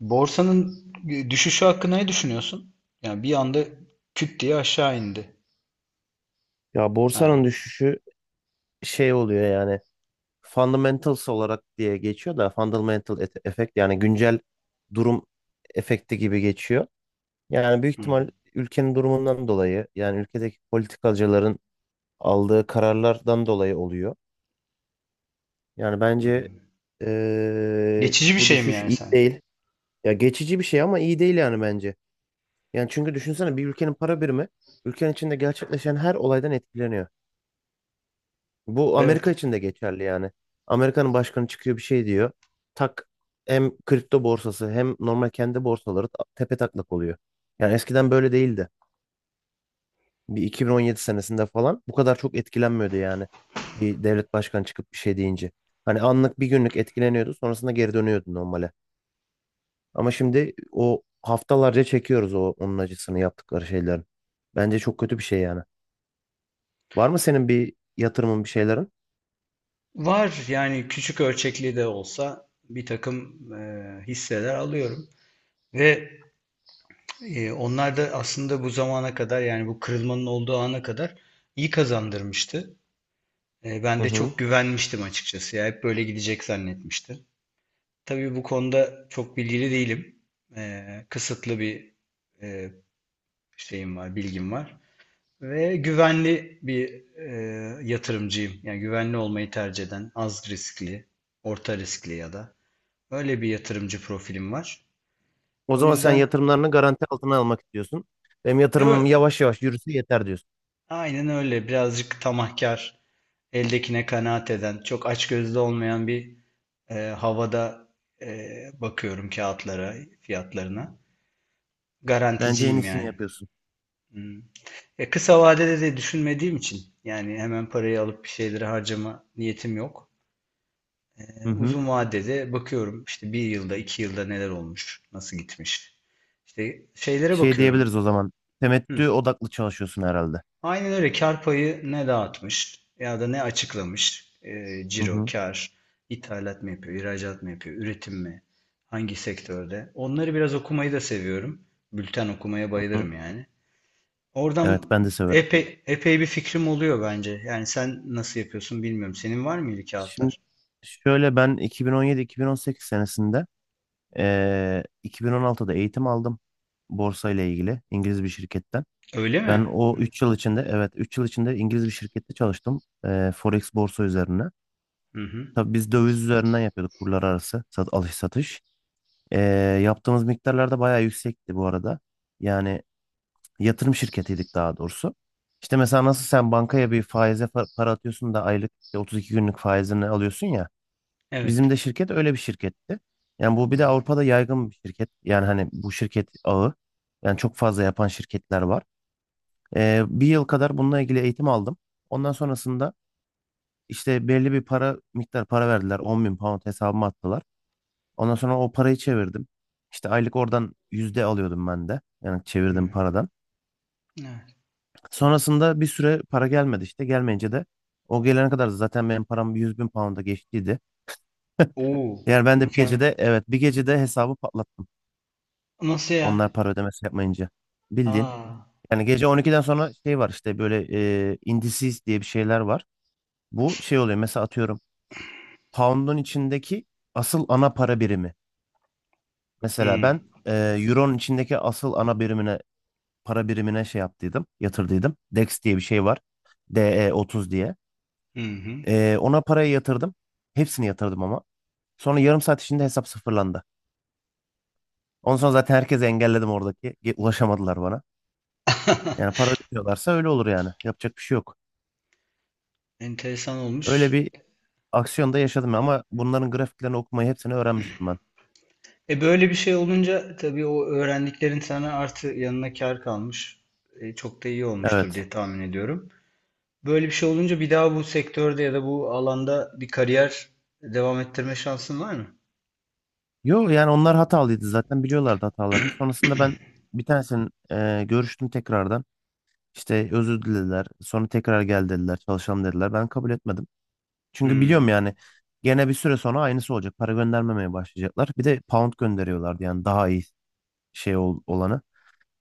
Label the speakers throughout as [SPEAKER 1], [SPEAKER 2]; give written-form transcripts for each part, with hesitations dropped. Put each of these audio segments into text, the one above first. [SPEAKER 1] Borsanın düşüşü hakkında ne düşünüyorsun? Yani bir anda küt diye aşağı indi.
[SPEAKER 2] Ya borsanın
[SPEAKER 1] Ha.
[SPEAKER 2] düşüşü şey oluyor yani fundamentals olarak diye geçiyor da fundamental efekt yani güncel durum efekti gibi geçiyor. Yani büyük ihtimal
[SPEAKER 1] Hı,
[SPEAKER 2] ülkenin durumundan dolayı yani ülkedeki politikacıların aldığı kararlardan dolayı oluyor. Yani
[SPEAKER 1] hı.
[SPEAKER 2] bence
[SPEAKER 1] Geçici bir
[SPEAKER 2] bu
[SPEAKER 1] şey mi
[SPEAKER 2] düşüş
[SPEAKER 1] yani
[SPEAKER 2] iyi
[SPEAKER 1] sence?
[SPEAKER 2] değil. Ya geçici bir şey ama iyi değil yani bence. Yani çünkü düşünsene, bir ülkenin para birimi ülkenin içinde gerçekleşen her olaydan etkileniyor. Bu
[SPEAKER 1] Evet.
[SPEAKER 2] Amerika için de geçerli yani. Amerika'nın başkanı çıkıyor bir şey diyor. Tak, hem kripto borsası hem normal kendi borsaları tepe taklak oluyor. Yani eskiden böyle değildi. Bir 2017 senesinde falan bu kadar çok etkilenmiyordu yani. Bir devlet başkanı çıkıp bir şey deyince. Hani anlık bir günlük etkileniyordu, sonrasında geri dönüyordu normale. Ama şimdi o haftalarca çekiyoruz o onun acısını yaptıkları şeylerin. Bence çok kötü bir şey yani. Var mı senin bir yatırımın, bir şeylerin?
[SPEAKER 1] Var yani küçük ölçekli de olsa bir takım hisseler alıyorum. Ve onlar da aslında bu zamana kadar yani bu kırılmanın olduğu ana kadar iyi kazandırmıştı. Ben
[SPEAKER 2] Hı
[SPEAKER 1] de
[SPEAKER 2] hı.
[SPEAKER 1] çok güvenmiştim açıkçası. Ya hep böyle gidecek zannetmiştim. Tabii bu konuda çok bilgili değilim. Kısıtlı bir e, şeyim var, bilgim var. Ve güvenli bir yatırımcıyım. Yani güvenli olmayı tercih eden, az riskli, orta riskli ya da öyle bir yatırımcı profilim var.
[SPEAKER 2] O
[SPEAKER 1] O
[SPEAKER 2] zaman sen
[SPEAKER 1] yüzden
[SPEAKER 2] yatırımlarını garanti altına almak istiyorsun. Benim
[SPEAKER 1] e,
[SPEAKER 2] yatırımım
[SPEAKER 1] ö-
[SPEAKER 2] yavaş yavaş yürüse yeter diyorsun.
[SPEAKER 1] aynen öyle. Birazcık tamahkar, eldekine kanaat eden, çok açgözlü olmayan bir havada bakıyorum kağıtlara, fiyatlarına.
[SPEAKER 2] Bence en
[SPEAKER 1] Garanticiyim
[SPEAKER 2] iyisini
[SPEAKER 1] yani.
[SPEAKER 2] yapıyorsun.
[SPEAKER 1] Hmm. Kısa vadede de düşünmediğim için yani hemen parayı alıp bir şeyleri harcama niyetim yok.
[SPEAKER 2] Hı hı.
[SPEAKER 1] Uzun vadede bakıyorum işte bir yılda, 2 yılda neler olmuş, nasıl gitmiş. İşte şeylere
[SPEAKER 2] Şey
[SPEAKER 1] bakıyorum.
[SPEAKER 2] diyebiliriz o zaman.
[SPEAKER 1] Hı.
[SPEAKER 2] Temettü odaklı çalışıyorsun herhalde.
[SPEAKER 1] Aynen öyle kar payı ne dağıtmış ya da ne açıklamış. E,
[SPEAKER 2] Hı
[SPEAKER 1] ciro,
[SPEAKER 2] hı.
[SPEAKER 1] kar, ithalat mı yapıyor, ihracat mı yapıyor, üretim mi, hangi sektörde. Onları biraz okumayı da seviyorum. Bülten okumaya
[SPEAKER 2] Hı
[SPEAKER 1] bayılırım
[SPEAKER 2] hı.
[SPEAKER 1] yani.
[SPEAKER 2] Evet,
[SPEAKER 1] Oradan
[SPEAKER 2] ben de severim.
[SPEAKER 1] epey, epey bir fikrim oluyor bence. Yani sen nasıl yapıyorsun bilmiyorum. Senin var mıydı
[SPEAKER 2] Şimdi
[SPEAKER 1] kağıtlar?
[SPEAKER 2] şöyle, ben 2017-2018 senesinde 2016'da eğitim aldım. Borsa ile ilgili İngiliz bir şirketten.
[SPEAKER 1] Öyle mi?
[SPEAKER 2] Ben o 3 yıl içinde, evet 3 yıl içinde İngiliz bir şirkette çalıştım. Forex borsa üzerine.
[SPEAKER 1] Hı hı.
[SPEAKER 2] Tabii biz döviz üzerinden yapıyorduk kurlar arası alış satış. Ee, yaptığımız miktarlar da bayağı yüksekti bu arada. Yani yatırım şirketiydik daha doğrusu. İşte mesela nasıl sen bankaya bir faize para atıyorsun da aylık işte 32 günlük faizini alıyorsun ya.
[SPEAKER 1] Evet.
[SPEAKER 2] Bizim de şirket öyle bir şirketti. Yani bu
[SPEAKER 1] Hı
[SPEAKER 2] bir de
[SPEAKER 1] hı.
[SPEAKER 2] Avrupa'da yaygın bir şirket. Yani hani bu şirket ağı. Yani çok fazla yapan şirketler var. Bir yıl kadar bununla ilgili eğitim aldım. Ondan sonrasında işte belli bir para miktar para verdiler. 10 bin pound hesabıma attılar. Ondan sonra o parayı çevirdim. İşte aylık oradan yüzde alıyordum ben de. Yani
[SPEAKER 1] Hı.
[SPEAKER 2] çevirdiğim paradan.
[SPEAKER 1] Evet.
[SPEAKER 2] Sonrasında bir süre para gelmedi işte. Gelmeyince de o gelene kadar zaten benim param 100 bin pound'a geçtiydi.
[SPEAKER 1] Oo,
[SPEAKER 2] Yani ben de bir
[SPEAKER 1] mükemmel.
[SPEAKER 2] gecede, evet bir gecede hesabı patlattım.
[SPEAKER 1] Nasıl
[SPEAKER 2] Onlar
[SPEAKER 1] ya?
[SPEAKER 2] para ödemesi yapmayınca. Bildiğin.
[SPEAKER 1] Aa,
[SPEAKER 2] Yani gece 12'den sonra şey var işte, böyle indices diye bir şeyler var. Bu şey oluyor mesela, atıyorum. Pound'un içindeki asıl ana para birimi. Mesela ben
[SPEAKER 1] hmm,
[SPEAKER 2] Euro'nun içindeki asıl ana birimine, para birimine şey yaptıydım, yatırdıydım. DEX diye bir şey var. DE30 diye.
[SPEAKER 1] hı hı.
[SPEAKER 2] Ona parayı yatırdım. Hepsini yatırdım ama. Sonra yarım saat içinde hesap sıfırlandı. Ondan sonra zaten herkesi engelledim oradaki. Ulaşamadılar bana. Yani para ödüyorlarsa öyle olur yani. Yapacak bir şey yok.
[SPEAKER 1] Enteresan
[SPEAKER 2] Öyle
[SPEAKER 1] olmuş.
[SPEAKER 2] bir aksiyonda yaşadım ama bunların grafiklerini okumayı hepsini öğrenmiştim ben.
[SPEAKER 1] Böyle bir şey olunca tabii o öğrendiklerin sana artı yanına kar kalmış. Çok da iyi olmuştur
[SPEAKER 2] Evet.
[SPEAKER 1] diye tahmin ediyorum. Böyle bir şey olunca bir daha bu sektörde ya da bu alanda bir kariyer devam ettirme şansın var mı?
[SPEAKER 2] Yo yani onlar hatalıydı, zaten biliyorlardı hatalarını. Sonrasında ben bir tanesinin görüştüm tekrardan. İşte özür dilediler. Sonra tekrar gel dediler. Çalışalım dediler. Ben kabul etmedim. Çünkü biliyorum
[SPEAKER 1] Hmm,
[SPEAKER 2] yani gene bir süre sonra aynısı olacak. Para göndermemeye başlayacaklar. Bir de pound gönderiyorlardı yani daha iyi şey olanı.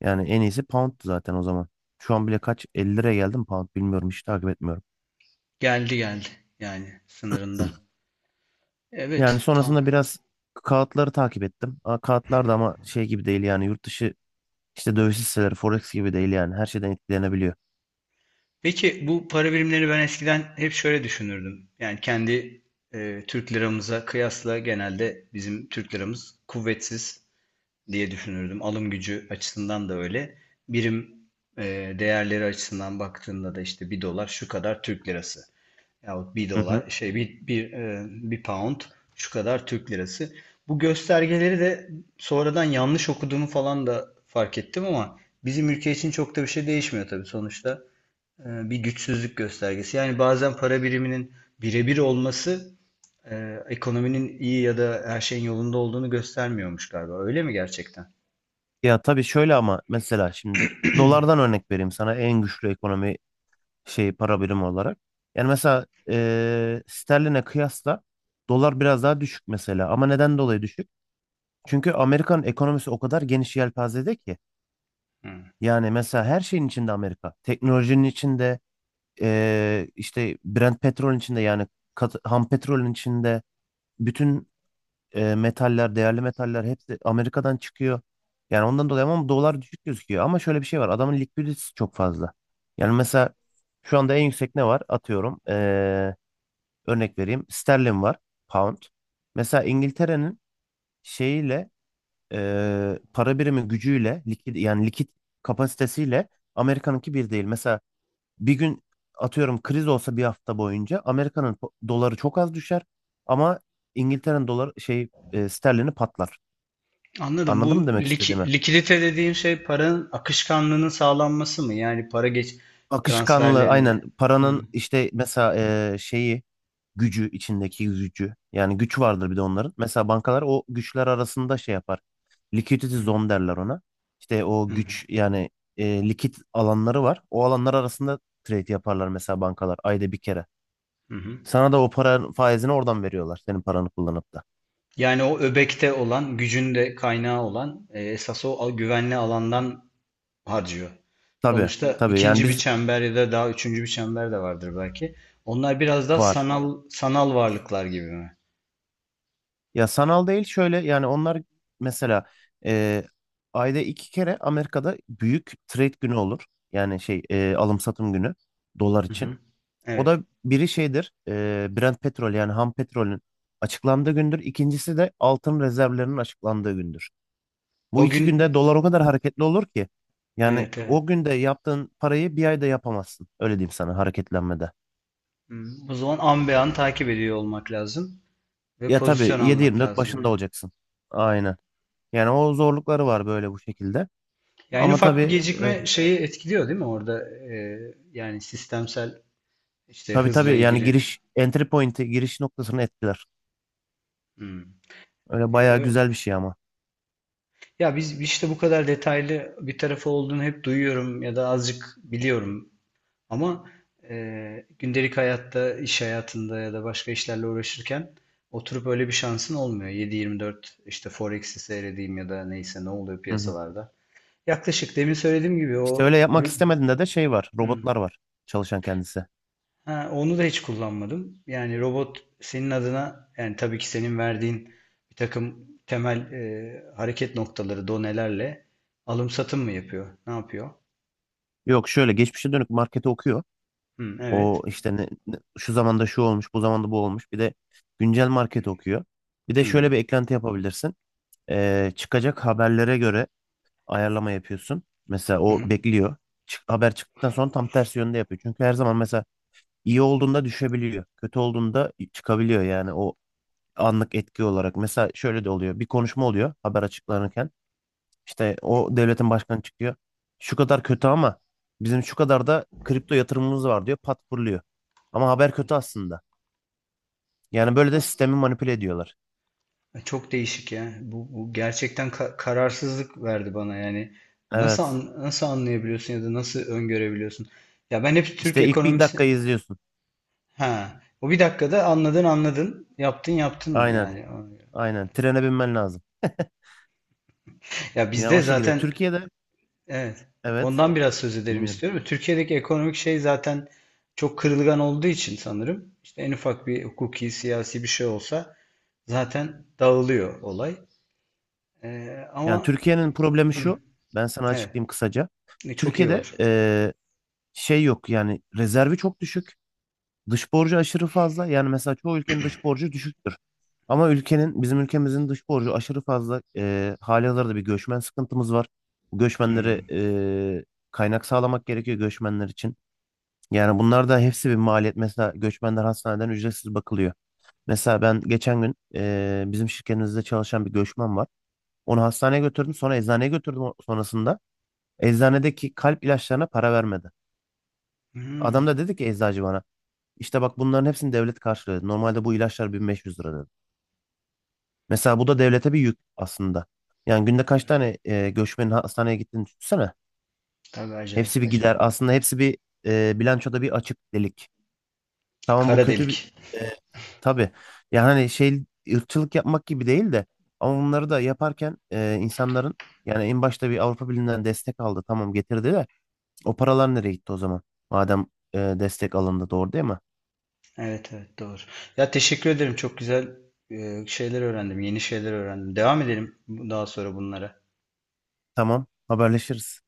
[SPEAKER 2] Yani en iyisi pound'tu zaten o zaman. Şu an bile kaç 50 liraya geldim pound, bilmiyorum, hiç takip etmiyorum.
[SPEAKER 1] geldi geldi yani sınırında.
[SPEAKER 2] Yani
[SPEAKER 1] Evet, tamam.
[SPEAKER 2] sonrasında biraz kağıtları takip ettim. Aa, kağıtlar da ama şey gibi değil yani, yurt dışı işte döviz hisseleri forex gibi değil yani, her şeyden etkilenebiliyor.
[SPEAKER 1] Peki bu para birimleri ben eskiden hep şöyle düşünürdüm. Yani kendi Türk liramıza kıyasla genelde bizim Türk liramız kuvvetsiz diye düşünürdüm. Alım gücü açısından da öyle. Birim e, değerleri açısından baktığında da işte bir dolar şu kadar Türk lirası. Yahut bir
[SPEAKER 2] Hı hı.
[SPEAKER 1] dolar şey bir pound şu kadar Türk lirası. Bu göstergeleri de sonradan yanlış okuduğumu falan da fark ettim ama bizim ülke için çok da bir şey değişmiyor tabii sonuçta bir güçsüzlük göstergesi. Yani bazen para biriminin birebir olması ekonominin iyi ya da her şeyin yolunda olduğunu göstermiyormuş galiba. Öyle mi gerçekten?
[SPEAKER 2] Ya tabii şöyle ama, mesela şimdi dolardan örnek vereyim sana, en güçlü ekonomi şeyi, para birimi olarak. Yani mesela sterline kıyasla dolar biraz daha düşük mesela, ama neden dolayı düşük? Çünkü Amerikan ekonomisi o kadar geniş yelpazede ki
[SPEAKER 1] Hı.
[SPEAKER 2] yani, mesela her şeyin içinde Amerika. Teknolojinin içinde işte Brent petrolün içinde yani ham petrolün içinde, bütün metaller, değerli metaller hepsi Amerika'dan çıkıyor. Yani ondan dolayı ama dolar düşük gözüküyor. Ama şöyle bir şey var. Adamın likviditesi çok fazla. Yani mesela şu anda en yüksek ne var? Atıyorum. Örnek vereyim. Sterlin var. Pound. Mesela İngiltere'nin şeyiyle para birimi gücüyle, likit, yani likit kapasitesiyle Amerika'nınki bir değil. Mesela bir gün atıyorum kriz olsa, bir hafta boyunca Amerika'nın doları çok az düşer ama İngiltere'nin doları şey sterlini patlar.
[SPEAKER 1] Anladım. Bu
[SPEAKER 2] Anladın mı demek istediğimi?
[SPEAKER 1] likidite dediğin şey paranın akışkanlığının sağlanması mı? Yani para geç
[SPEAKER 2] Akışkanlığı aynen
[SPEAKER 1] transferlerinde. Hı,
[SPEAKER 2] paranın, işte mesela şeyi gücü, içindeki gücü, yani güç vardır bir de onların. Mesela bankalar o güçler arasında şey yapar. Liquidity zone derler ona. İşte
[SPEAKER 1] hı,
[SPEAKER 2] o güç yani likit alanları var. O alanlar arasında trade yaparlar mesela bankalar, ayda bir kere.
[SPEAKER 1] hı hı.
[SPEAKER 2] Sana da o paranın faizini oradan veriyorlar, senin paranı kullanıp da.
[SPEAKER 1] Yani o öbekte olan, gücün de kaynağı olan, esas o güvenli alandan harcıyor.
[SPEAKER 2] Tabii
[SPEAKER 1] Sonuçta
[SPEAKER 2] tabii, yani
[SPEAKER 1] ikinci bir
[SPEAKER 2] biz
[SPEAKER 1] çember ya da daha üçüncü bir çember de vardır belki. Onlar biraz daha
[SPEAKER 2] var.
[SPEAKER 1] sanal sanal varlıklar gibi mi?
[SPEAKER 2] Ya sanal değil, şöyle yani onlar mesela e, ayda iki kere Amerika'da büyük trade günü olur. Yani şey alım satım günü, dolar
[SPEAKER 1] Hı
[SPEAKER 2] için.
[SPEAKER 1] hı.
[SPEAKER 2] O da
[SPEAKER 1] Evet.
[SPEAKER 2] biri şeydir Brent petrol yani ham petrolün açıklandığı gündür. İkincisi de altın rezervlerinin açıklandığı gündür. Bu
[SPEAKER 1] O
[SPEAKER 2] iki
[SPEAKER 1] gün
[SPEAKER 2] günde dolar o kadar hareketli olur ki, yani
[SPEAKER 1] evet evet.
[SPEAKER 2] o günde yaptığın parayı bir ayda yapamazsın. Öyle diyeyim sana, hareketlenmede.
[SPEAKER 1] Hı. O zaman an be an takip ediyor olmak lazım ve
[SPEAKER 2] Ya tabii
[SPEAKER 1] pozisyon almak
[SPEAKER 2] 7-24
[SPEAKER 1] lazım
[SPEAKER 2] başında
[SPEAKER 1] yani.
[SPEAKER 2] olacaksın. Aynen. Yani o zorlukları var böyle bu şekilde.
[SPEAKER 1] Yani en
[SPEAKER 2] Ama
[SPEAKER 1] ufak bir
[SPEAKER 2] tabii
[SPEAKER 1] gecikme şeyi etkiliyor değil mi orada? Yani sistemsel işte
[SPEAKER 2] tabii
[SPEAKER 1] hızla
[SPEAKER 2] tabii yani,
[SPEAKER 1] ilgili.
[SPEAKER 2] giriş entry point'i, giriş noktasını etkiler.
[SPEAKER 1] Hı.
[SPEAKER 2] Öyle
[SPEAKER 1] E,
[SPEAKER 2] bayağı
[SPEAKER 1] ö-
[SPEAKER 2] güzel bir şey ama.
[SPEAKER 1] ya biz işte bu kadar detaylı bir tarafı olduğunu hep duyuyorum ya da azıcık biliyorum. Ama gündelik hayatta, iş hayatında ya da başka işlerle uğraşırken oturup öyle bir şansın olmuyor. 7/24 işte Forex'i seyredeyim ya da neyse ne oluyor
[SPEAKER 2] Hı hı.
[SPEAKER 1] piyasalarda. Yaklaşık demin söylediğim gibi
[SPEAKER 2] İşte
[SPEAKER 1] o
[SPEAKER 2] öyle yapmak
[SPEAKER 1] Hı?
[SPEAKER 2] istemediğinde de şey var.
[SPEAKER 1] Hı.
[SPEAKER 2] Robotlar var, çalışan kendisi.
[SPEAKER 1] Ha, onu da hiç kullanmadım. Yani robot senin adına yani tabii ki senin verdiğin bir takım temel hareket noktaları, donelerle alım satım mı yapıyor? Ne yapıyor?
[SPEAKER 2] Yok, şöyle geçmişe dönük marketi okuyor.
[SPEAKER 1] Hı,
[SPEAKER 2] O
[SPEAKER 1] evet.
[SPEAKER 2] işte şu zamanda şu olmuş, bu zamanda bu olmuş. Bir de güncel market okuyor. Bir de
[SPEAKER 1] Hı.
[SPEAKER 2] şöyle bir eklenti yapabilirsin. Çıkacak haberlere göre ayarlama yapıyorsun. Mesela
[SPEAKER 1] Hı
[SPEAKER 2] o
[SPEAKER 1] hı.
[SPEAKER 2] bekliyor. Haber çıktıktan sonra tam tersi yönde yapıyor. Çünkü her zaman mesela iyi olduğunda düşebiliyor, kötü olduğunda çıkabiliyor yani, o anlık etki olarak. Mesela şöyle de oluyor. Bir konuşma oluyor haber açıklanırken. İşte o devletin başkanı çıkıyor. Şu kadar kötü ama bizim şu kadar da kripto yatırımımız var diyor. Patpurluyor. Ama haber kötü aslında. Yani böyle de sistemi manipüle ediyorlar.
[SPEAKER 1] Çok değişik ya. Bu gerçekten kararsızlık verdi bana yani. Nasıl
[SPEAKER 2] Evet.
[SPEAKER 1] an- nasıl anlayabiliyorsun ya da nasıl öngörebiliyorsun? Ya ben hep Türk
[SPEAKER 2] İşte ilk bir
[SPEAKER 1] ekonomisi.
[SPEAKER 2] dakikayı izliyorsun.
[SPEAKER 1] Ha. O bir dakikada anladın anladın. Yaptın yaptın mı
[SPEAKER 2] Aynen.
[SPEAKER 1] yani?
[SPEAKER 2] Aynen. Trene binmen lazım.
[SPEAKER 1] Ya
[SPEAKER 2] Yani
[SPEAKER 1] bizde
[SPEAKER 2] o şekilde.
[SPEAKER 1] zaten
[SPEAKER 2] Türkiye'de,
[SPEAKER 1] evet.
[SPEAKER 2] evet
[SPEAKER 1] Ondan biraz söz edelim
[SPEAKER 2] dinliyorum.
[SPEAKER 1] istiyorum. Türkiye'deki ekonomik şey zaten çok kırılgan olduğu için sanırım. İşte en ufak bir hukuki, siyasi bir şey olsa zaten dağılıyor olay. Ee,
[SPEAKER 2] Yani
[SPEAKER 1] ama
[SPEAKER 2] Türkiye'nin problemi
[SPEAKER 1] hı,
[SPEAKER 2] şu. Ben sana
[SPEAKER 1] evet.
[SPEAKER 2] açıklayayım kısaca.
[SPEAKER 1] Çok iyi
[SPEAKER 2] Türkiye'de
[SPEAKER 1] olur.
[SPEAKER 2] şey yok yani, rezervi çok düşük. Dış borcu aşırı fazla. Yani mesela çoğu ülkenin dış borcu düşüktür. Ama ülkenin, bizim ülkemizin dış borcu aşırı fazla. Hali hazırda bir göçmen sıkıntımız var. Bu
[SPEAKER 1] Hı.
[SPEAKER 2] göçmenlere kaynak sağlamak gerekiyor göçmenler için. Yani bunlar da hepsi bir maliyet. Mesela göçmenler hastaneden ücretsiz bakılıyor. Mesela ben geçen gün bizim şirketimizde çalışan bir göçmen var. Onu hastaneye götürdüm, sonra eczaneye götürdüm sonrasında. Eczanedeki kalp ilaçlarına para vermedi.
[SPEAKER 1] Hmm,
[SPEAKER 2] Adam da dedi ki eczacı bana, işte bak bunların hepsini devlet karşılıyor. Normalde bu ilaçlar 1500 lira. Mesela bu da devlete bir yük aslında. Yani günde kaç tane göçmenin hastaneye gittiğini düşünsene.
[SPEAKER 1] tabii
[SPEAKER 2] Hepsi
[SPEAKER 1] acayip
[SPEAKER 2] bir gider.
[SPEAKER 1] acayip.
[SPEAKER 2] Aslında hepsi bir bilançoda bir açık delik. Tamam, bu
[SPEAKER 1] Kara
[SPEAKER 2] kötü bir
[SPEAKER 1] delik.
[SPEAKER 2] e, tabii. Yani hani şey, ırkçılık yapmak gibi değil de, ama bunları da yaparken insanların, yani en başta bir Avrupa Birliği'nden destek aldı. Tamam, getirdi de o paralar nereye gitti o zaman? Madem destek alındı, doğru değil mi?
[SPEAKER 1] Evet evet doğru. Ya teşekkür ederim. Çok güzel şeyler öğrendim. Yeni şeyler öğrendim. Devam edelim daha sonra bunlara.
[SPEAKER 2] Tamam, haberleşiriz.